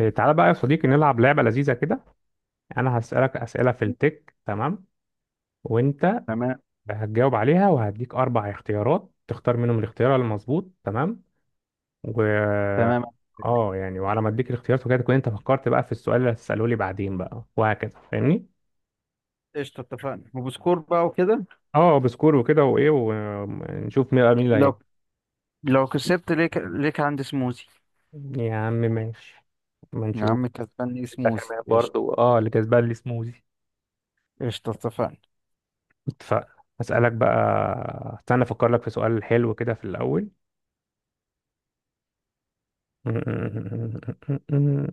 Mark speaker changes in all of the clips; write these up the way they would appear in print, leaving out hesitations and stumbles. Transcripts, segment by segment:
Speaker 1: إيه، تعالى بقى يا صديقي نلعب لعبة لذيذة كده. أنا هسألك أسئلة في التك، تمام؟ وأنت
Speaker 2: تمام.
Speaker 1: هتجاوب عليها وهديك أربع اختيارات تختار منهم الاختيار المظبوط، تمام؟ و
Speaker 2: تمام.
Speaker 1: اه يعني، وعلى ما اديك الاختيارات وكده تكون انت فكرت بقى في السؤال اللي هتسأله لي بعدين بقى وهكذا، فاهمني؟
Speaker 2: قشطة، اتفقنا وبسكور بقى وكده.
Speaker 1: اه بسكور وكده، وايه ونشوف مين مين اللي هيكسب.
Speaker 2: لو لو كسبت ليك عندي سموزي.
Speaker 1: يا عم ماشي، ما
Speaker 2: يا
Speaker 1: نشوف.
Speaker 2: عم كسبان لي سموزي
Speaker 1: التكمل
Speaker 2: قشطة.
Speaker 1: برضه، اللي كسبان لي سموزي.
Speaker 2: قشطة اتفقنا.
Speaker 1: اتفقنا، هسألك بقى، استنى افكر لك في سؤال حلو كده في الأول. مم.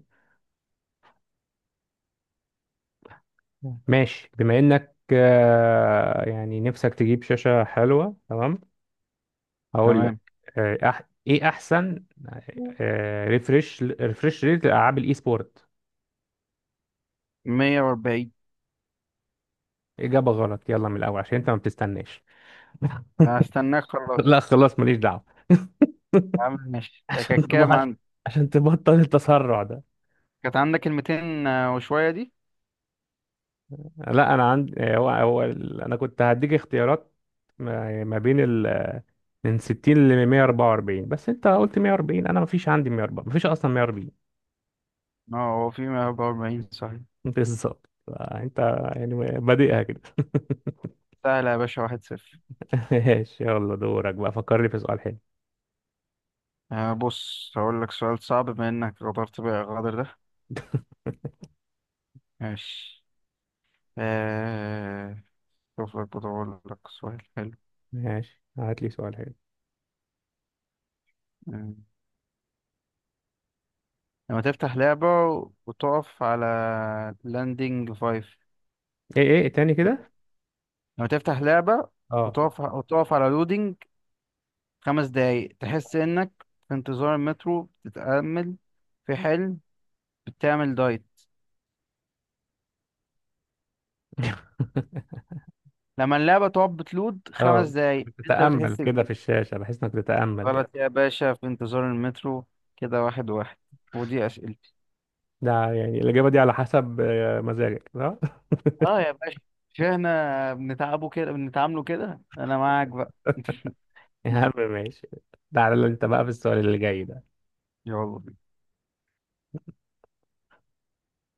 Speaker 1: ماشي، بما انك يعني نفسك تجيب شاشة حلوة، تمام؟ هقول لك.
Speaker 2: تمام.
Speaker 1: آه، أح ايه احسن ريفرش ريت لالعاب الاي سبورت؟
Speaker 2: 140.
Speaker 1: اجابة غلط، يلا من الاول عشان انت ما بتستناش.
Speaker 2: هستناك خلاص.
Speaker 1: لا خلاص، ماليش دعوة.
Speaker 2: يا عم ماشي، كانت كام عندك؟
Speaker 1: عشان تبطل التسرع ده.
Speaker 2: كانت عندك الميتين وشوية دي.
Speaker 1: لا انا عندي، انا كنت هديك اختيارات ما بين ال من 60 ل 144، بس انت قلت 140، انا ما فيش عندي 140، ما فيش اصلا 140.
Speaker 2: اه، هو في 140 صحيح.
Speaker 1: بالظبط. انت يعني بادئها كده.
Speaker 2: سهلة يا باشا، 1-0.
Speaker 1: ماشي، يلا دورك بقى، فكرني في سؤال حلو.
Speaker 2: آه بص، هقول لك سؤال صعب بما انك غدرت بقى الغدر ده. ماشي. آه. شوف لك بقول لك سؤال حلو.
Speaker 1: ماشي هات لي سؤال حلو.
Speaker 2: آه. لما تفتح لعبة وتقف على لاندنج فايف.
Speaker 1: ايه، ايه تاني كده؟
Speaker 2: لما تفتح لعبة
Speaker 1: اه.
Speaker 2: وتقف على لودينج 5 دقايق، تحس انك في انتظار المترو، بتتأمل في حلم، بتعمل دايت. لما اللعبة تقف بتلود
Speaker 1: اه،
Speaker 2: 5 دقايق انت
Speaker 1: بتتأمل
Speaker 2: بتحس
Speaker 1: كده
Speaker 2: بإيه؟
Speaker 1: في الشاشة بحيث انك تتأمل، يعني.
Speaker 2: غلط يا باشا، في انتظار المترو. كده واحد واحد. ودي أسئلة.
Speaker 1: ده يعني الإجابة دي على حسب مزاجك، صح؟
Speaker 2: اه يا باشا، مش احنا بنتعبه كده بنتعامله كده، انا معاك بقى
Speaker 1: يا عم ماشي. تعالى انت بقى في السؤال اللي جاي ده،
Speaker 2: يلا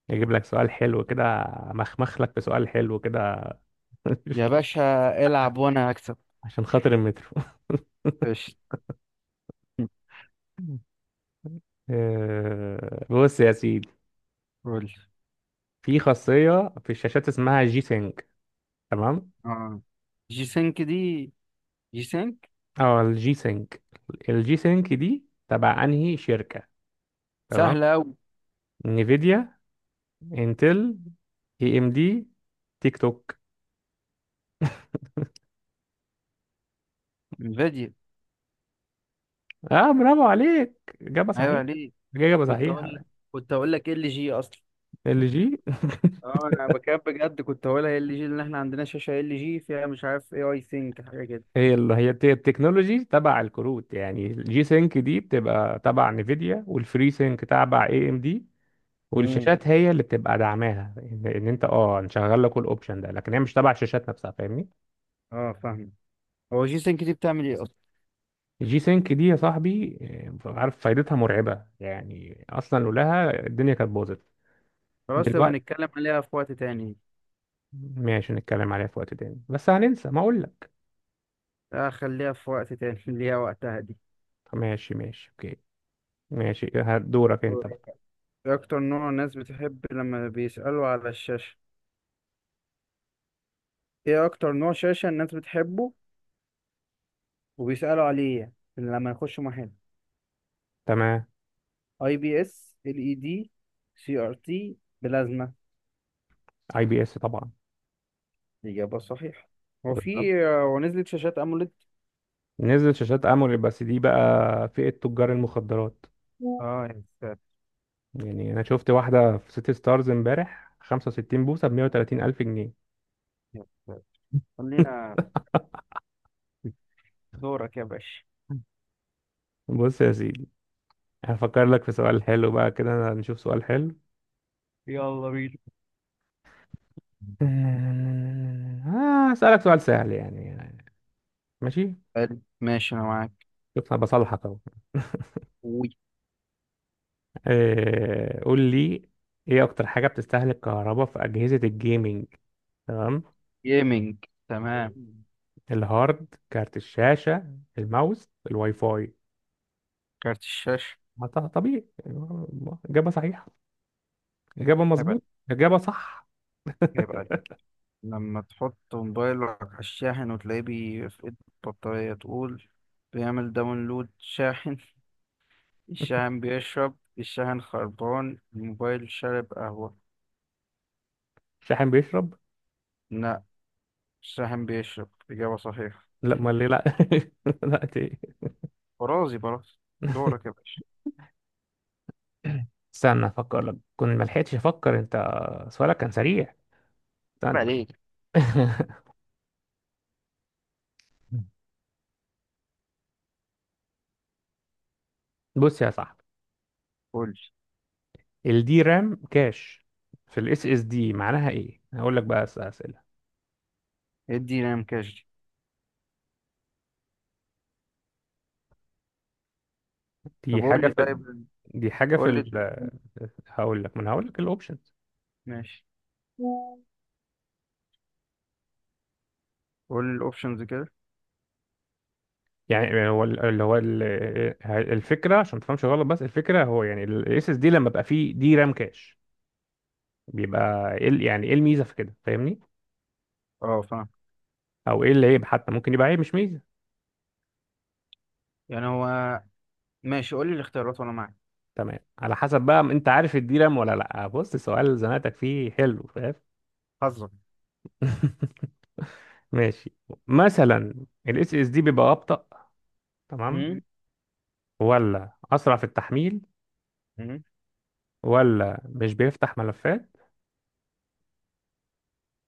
Speaker 1: اجيب لك سؤال حلو كده، مخمخ لك في سؤال حلو كده.
Speaker 2: يا باشا، العب وانا هكسب.
Speaker 1: عشان خاطر المترو.
Speaker 2: قشطة
Speaker 1: بص يا سيدي،
Speaker 2: قول.
Speaker 1: في خاصية في الشاشات اسمها جي سينج، تمام؟
Speaker 2: اه، جي سينك دي. جي سينك.
Speaker 1: اه، الجي سينك. الجي سينك دي تبع انهي شركة؟ تمام.
Speaker 2: سهلة أوي.
Speaker 1: نيفيديا، انتل، اي ام دي، تيك توك.
Speaker 2: انفيديا.
Speaker 1: اه برافو عليك، اجابة صحيحة.
Speaker 2: أيوة، ليه؟
Speaker 1: اجابة
Speaker 2: كنت أقول
Speaker 1: صحيحة.
Speaker 2: لك كنت أقول لك ال جي أصلا.
Speaker 1: الجي.
Speaker 2: اه أنا بكاب بجد، كنت هقولها ال جي لأن إحنا عندنا شاشة ال جي فيها مش عارف اي أي سينك حاجة كده.
Speaker 1: هي اللي هي الت- التكنولوجي تبع الكروت، يعني الجي سينك دي بتبقى تبع نيفيديا والفري سينك تبع اي ام دي.
Speaker 2: امم
Speaker 1: والشاشات هي اللي بتبقى دعماها إن انت نشغل لك الاوبشن ده، لكن هي مش تبع الشاشات نفسها، فاهمني.
Speaker 2: اه فاهم. هو جي سينك دي بتعمل إيه أصلا؟
Speaker 1: الجي سينك دي يا صاحبي، عارف فايدتها مرعبة، يعني اصلا لولاها الدنيا كانت باظت.
Speaker 2: خلاص، تبقى
Speaker 1: دلوقتي؟
Speaker 2: نتكلم عليها في وقت تاني.
Speaker 1: ماشي، نتكلم عليها في وقت تاني، بس هننسى ما اقول لك.
Speaker 2: لا خليها في وقت تاني ليها وقتها دي.
Speaker 1: ماشي ماشي اوكي. ماشي هدورك انت
Speaker 2: دوري.
Speaker 1: بقى.
Speaker 2: ايه اكتر نوع الناس بتحب لما بيسألوا على الشاشة؟ ايه اكتر نوع شاشة الناس بتحبه وبيسألوا عليه يعني، لما يخشوا محل؟
Speaker 1: تمام.
Speaker 2: اي بي اس، ال اي دي، سي ار تي، بلازما.
Speaker 1: اي بي اس طبعا.
Speaker 2: اجابة صحيحة. هو
Speaker 1: بالظبط،
Speaker 2: في هو نزلت شاشات اموليد.
Speaker 1: نزلت شاشات اموليد بس دي بقى فئة تجار المخدرات.
Speaker 2: اه يا ساتر.
Speaker 1: يعني انا شفت واحدة في سيتي ستارز امبارح 65 بوصة ب 130 الف جنيه.
Speaker 2: يا ساتر خلينا دورك يا باشا.
Speaker 1: بص يا سيدي، هفكر لك في سؤال حلو بقى كده، نشوف سؤال حلو.
Speaker 2: يلا بينا.
Speaker 1: هسألك سؤال سهل يعني. ماشي.
Speaker 2: حلو ماشي، انا معاك.
Speaker 1: شوف أنا بصلحك أهو.
Speaker 2: وي.
Speaker 1: قول لي إيه أكتر حاجة بتستهلك كهرباء في أجهزة الجيمنج، تمام؟
Speaker 2: جيمنج تمام.
Speaker 1: مم. الهارد، كارت الشاشة، الماوس، الواي فاي.
Speaker 2: كارت الشاشة.
Speaker 1: ما ط- طبيعي. إجابة صحيحة، إجابة
Speaker 2: هيبقى.
Speaker 1: مظبوط، إجابة صح.
Speaker 2: هيبقى لما تحط موبايلك على الشاحن وتلاقيه بيفقد البطارية تقول: بيعمل داونلود شاحن، الشاحن بيشرب، الشاحن خربان، الموبايل شارب قهوة.
Speaker 1: شاحن بيشرب؟
Speaker 2: لا، الشاحن بيشرب. إجابة صحيحة.
Speaker 1: لا ما ليه، لا. لا
Speaker 2: برازي برازي. دورك يا باشا.
Speaker 1: استنى أفكر لك، كنت ما لحقتش أفكر، أنت سؤالك كان سريع،
Speaker 2: عيب
Speaker 1: استنى.
Speaker 2: عليك.
Speaker 1: بص يا صاحبي،
Speaker 2: قول لي.
Speaker 1: الدي رام كاش في الاس اس دي معناها ايه، هقول لك بقى اسئله.
Speaker 2: ادي نام كاش. طب
Speaker 1: دي
Speaker 2: قول
Speaker 1: حاجه
Speaker 2: لي
Speaker 1: في.
Speaker 2: طيب.
Speaker 1: دي حاجه في
Speaker 2: قول لي.
Speaker 1: ال... هقول لك، ما انا هقول لك الاوبشنز.
Speaker 2: ماشي، قول لي الاوبشنز كده.
Speaker 1: يعني هو اللي هو الفكره عشان ما تفهمش غلط، بس الفكره هو يعني الاس اس دي لما بقى فيه دي رام كاش بيبقى ايه يعني ايه الميزه في كده، فاهمني؟
Speaker 2: اه فاهم.
Speaker 1: او ايه العيب، حتى ممكن يبقى عيب مش ميزه.
Speaker 2: يعني هو. ماشي قول لي الاختيارات وانا معاك.
Speaker 1: تمام، على حسب بقى انت عارف الدي رام ولا لا. بص سؤال زنقتك فيه حلو.
Speaker 2: حظك.
Speaker 1: ماشي، مثلا الاس اس دي بيبقى ابطأ، تمام؟
Speaker 2: هم؟
Speaker 1: ولا اسرع في التحميل،
Speaker 2: هم؟
Speaker 1: ولا مش بيفتح ملفات،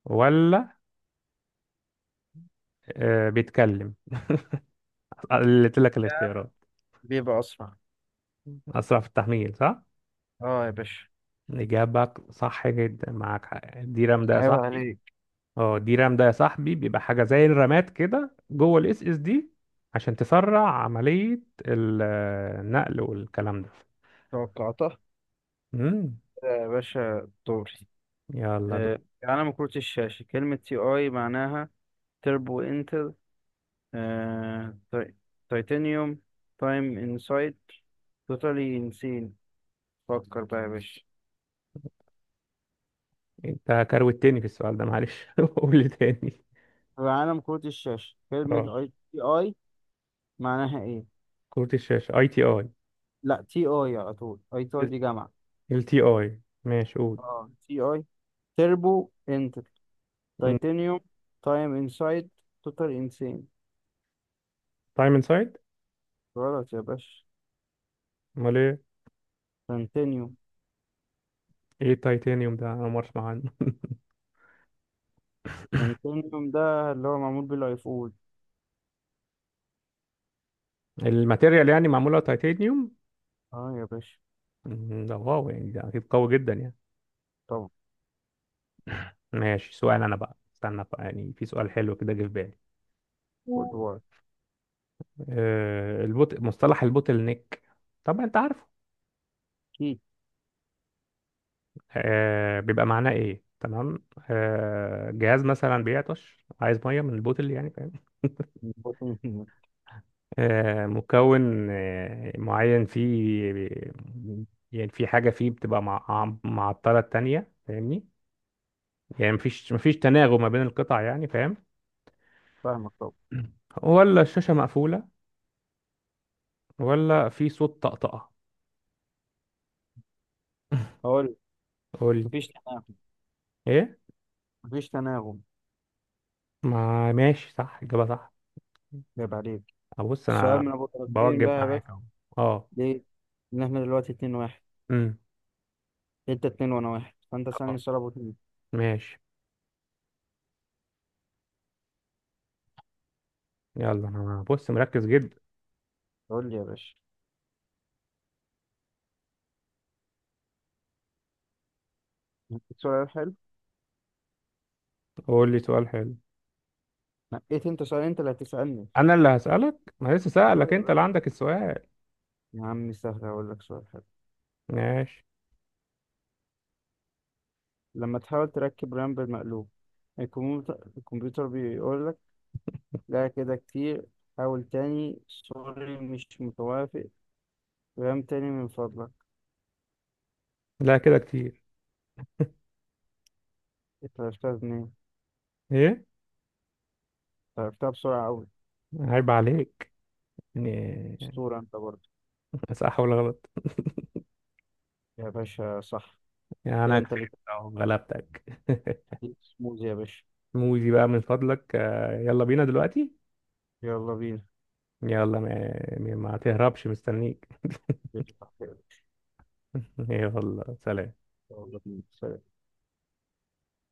Speaker 1: ولا بيتكلم؟ قلت لك الاختيارات.
Speaker 2: بيبقى اسرع.
Speaker 1: اسرع في التحميل، صح.
Speaker 2: اه يا باشا.
Speaker 1: اجابة صح جدا، معاك حق، الدي رام ده يا
Speaker 2: عيب
Speaker 1: صاحبي.
Speaker 2: عليك.
Speaker 1: اه، الدي رام ده يا صاحبي بيبقى حاجة زي الرامات كده جوه الاس اس دي عشان تسرع عملية النقل والكلام ده.
Speaker 2: توقعتها.
Speaker 1: مم.
Speaker 2: يا باشا دوري.
Speaker 1: يلا،
Speaker 2: آه، علم كرة الشاشة كلمة تي اي معناها؟ تربو انتل، آه، تي- تيتانيوم، تايم انسايد، توتالي انسين. فكر بقى يا باشا.
Speaker 1: انت كروتني في السؤال ده معلش. قول لي تاني.
Speaker 2: عالم كرة الشاشة كلمة
Speaker 1: اه،
Speaker 2: اي تي اي معناها ايه؟
Speaker 1: كروت الشاشة اي تي اي.
Speaker 2: لا، تي اي على طول، اي تي اي دي جامعة.
Speaker 1: ال تي اي ماشي قول.
Speaker 2: اه، تي اي. تربو انتل، تيتانيوم، تايم انسايد، توتال انسين.
Speaker 1: تايم انسايد.
Speaker 2: غلط يا باشا.
Speaker 1: امال ايه؟
Speaker 2: تيتانيوم.
Speaker 1: ايه التيتانيوم ده، انا ما اسمع عنه.
Speaker 2: تنتينيوم ده اللي هو معمول بيه الايفون.
Speaker 1: الماتيريال يعني معمولة تيتانيوم.
Speaker 2: اه يا باشا.
Speaker 1: ده واو، يعني ده اكيد قوي جدا يعني.
Speaker 2: طبعا.
Speaker 1: ماشي، سؤال انا بقى، استنى بقى، يعني في سؤال حلو كده جه في بالي.
Speaker 2: خد وقت.
Speaker 1: البوت، مصطلح البوتل نيك، طبعا انت عارفه.
Speaker 2: اكيد
Speaker 1: بيبقى معناه ايه، تمام؟ جهاز مثلا بيعطش عايز ميه من البوتل يعني، فاهم؟
Speaker 2: خد مني.
Speaker 1: مكون معين فيه، يعني في حاجه فيه بتبقى معطله التانية، فاهمني؟ يعني مفيش تناغم ما بين القطع يعني، فاهم؟
Speaker 2: فاهمك طبعا.
Speaker 1: ولا الشاشه مقفوله، ولا في صوت طقطقه؟
Speaker 2: هقول.
Speaker 1: قول
Speaker 2: مفيش
Speaker 1: لي.
Speaker 2: تناغم.
Speaker 1: ايه؟
Speaker 2: مفيش تناغم.
Speaker 1: ما ماشي، صح، اجابه صح.
Speaker 2: جاب عليك.
Speaker 1: ابص
Speaker 2: السؤال
Speaker 1: انا
Speaker 2: من ابو طرفين
Speaker 1: بوجب
Speaker 2: بقى يا باشا.
Speaker 1: معاك اهو. اه.
Speaker 2: ليه؟ ان احنا دلوقتي 2-1.
Speaker 1: امم
Speaker 2: انت اتنين وانا واحد، فانت
Speaker 1: اه،
Speaker 2: سألني سؤال ابو اتنين.
Speaker 1: ماشي. يلا انا بص، مركز جدا.
Speaker 2: قول لي يا باشا، هديك سؤال حلو.
Speaker 1: قول لي سؤال حلو.
Speaker 2: نقيت انت سؤال، انت اللي هتسألني.
Speaker 1: انا اللي هسألك، ما لسه
Speaker 2: اه
Speaker 1: سألك،
Speaker 2: يا
Speaker 1: انت اللي
Speaker 2: باشا.
Speaker 1: عندك السؤال.
Speaker 2: يا عم سهل، هقول لك سؤال حلو.
Speaker 1: ماشي.
Speaker 2: لما تحاول تركب رام بالمقلوب الكمبيوتر بيقول لك: لا كده كتير، حاول تاني، سوري مش متوافق، غام تاني من فضلك.
Speaker 1: لا كده كتير.
Speaker 2: انت عرفتها منين إنت؟
Speaker 1: ايه؟
Speaker 2: عرفتها بسرعة أوي.
Speaker 1: عيب عليك، يعني
Speaker 2: أسطورة أنت برضه.
Speaker 1: صح ولا غلط؟
Speaker 2: يا باشا صح.
Speaker 1: يعني
Speaker 2: كده
Speaker 1: انا
Speaker 2: أنت
Speaker 1: كسبت
Speaker 2: ليك
Speaker 1: أهو، غلبتك.
Speaker 2: سموز يا باشا.
Speaker 1: موزي بقى من فضلك، يلا بينا دلوقتي.
Speaker 2: يلا بينا.
Speaker 1: يلا ما
Speaker 2: يلا
Speaker 1: تهربش، مستنيك.
Speaker 2: بينا.
Speaker 1: يلا سلام.
Speaker 2: يلا بينا. سلام.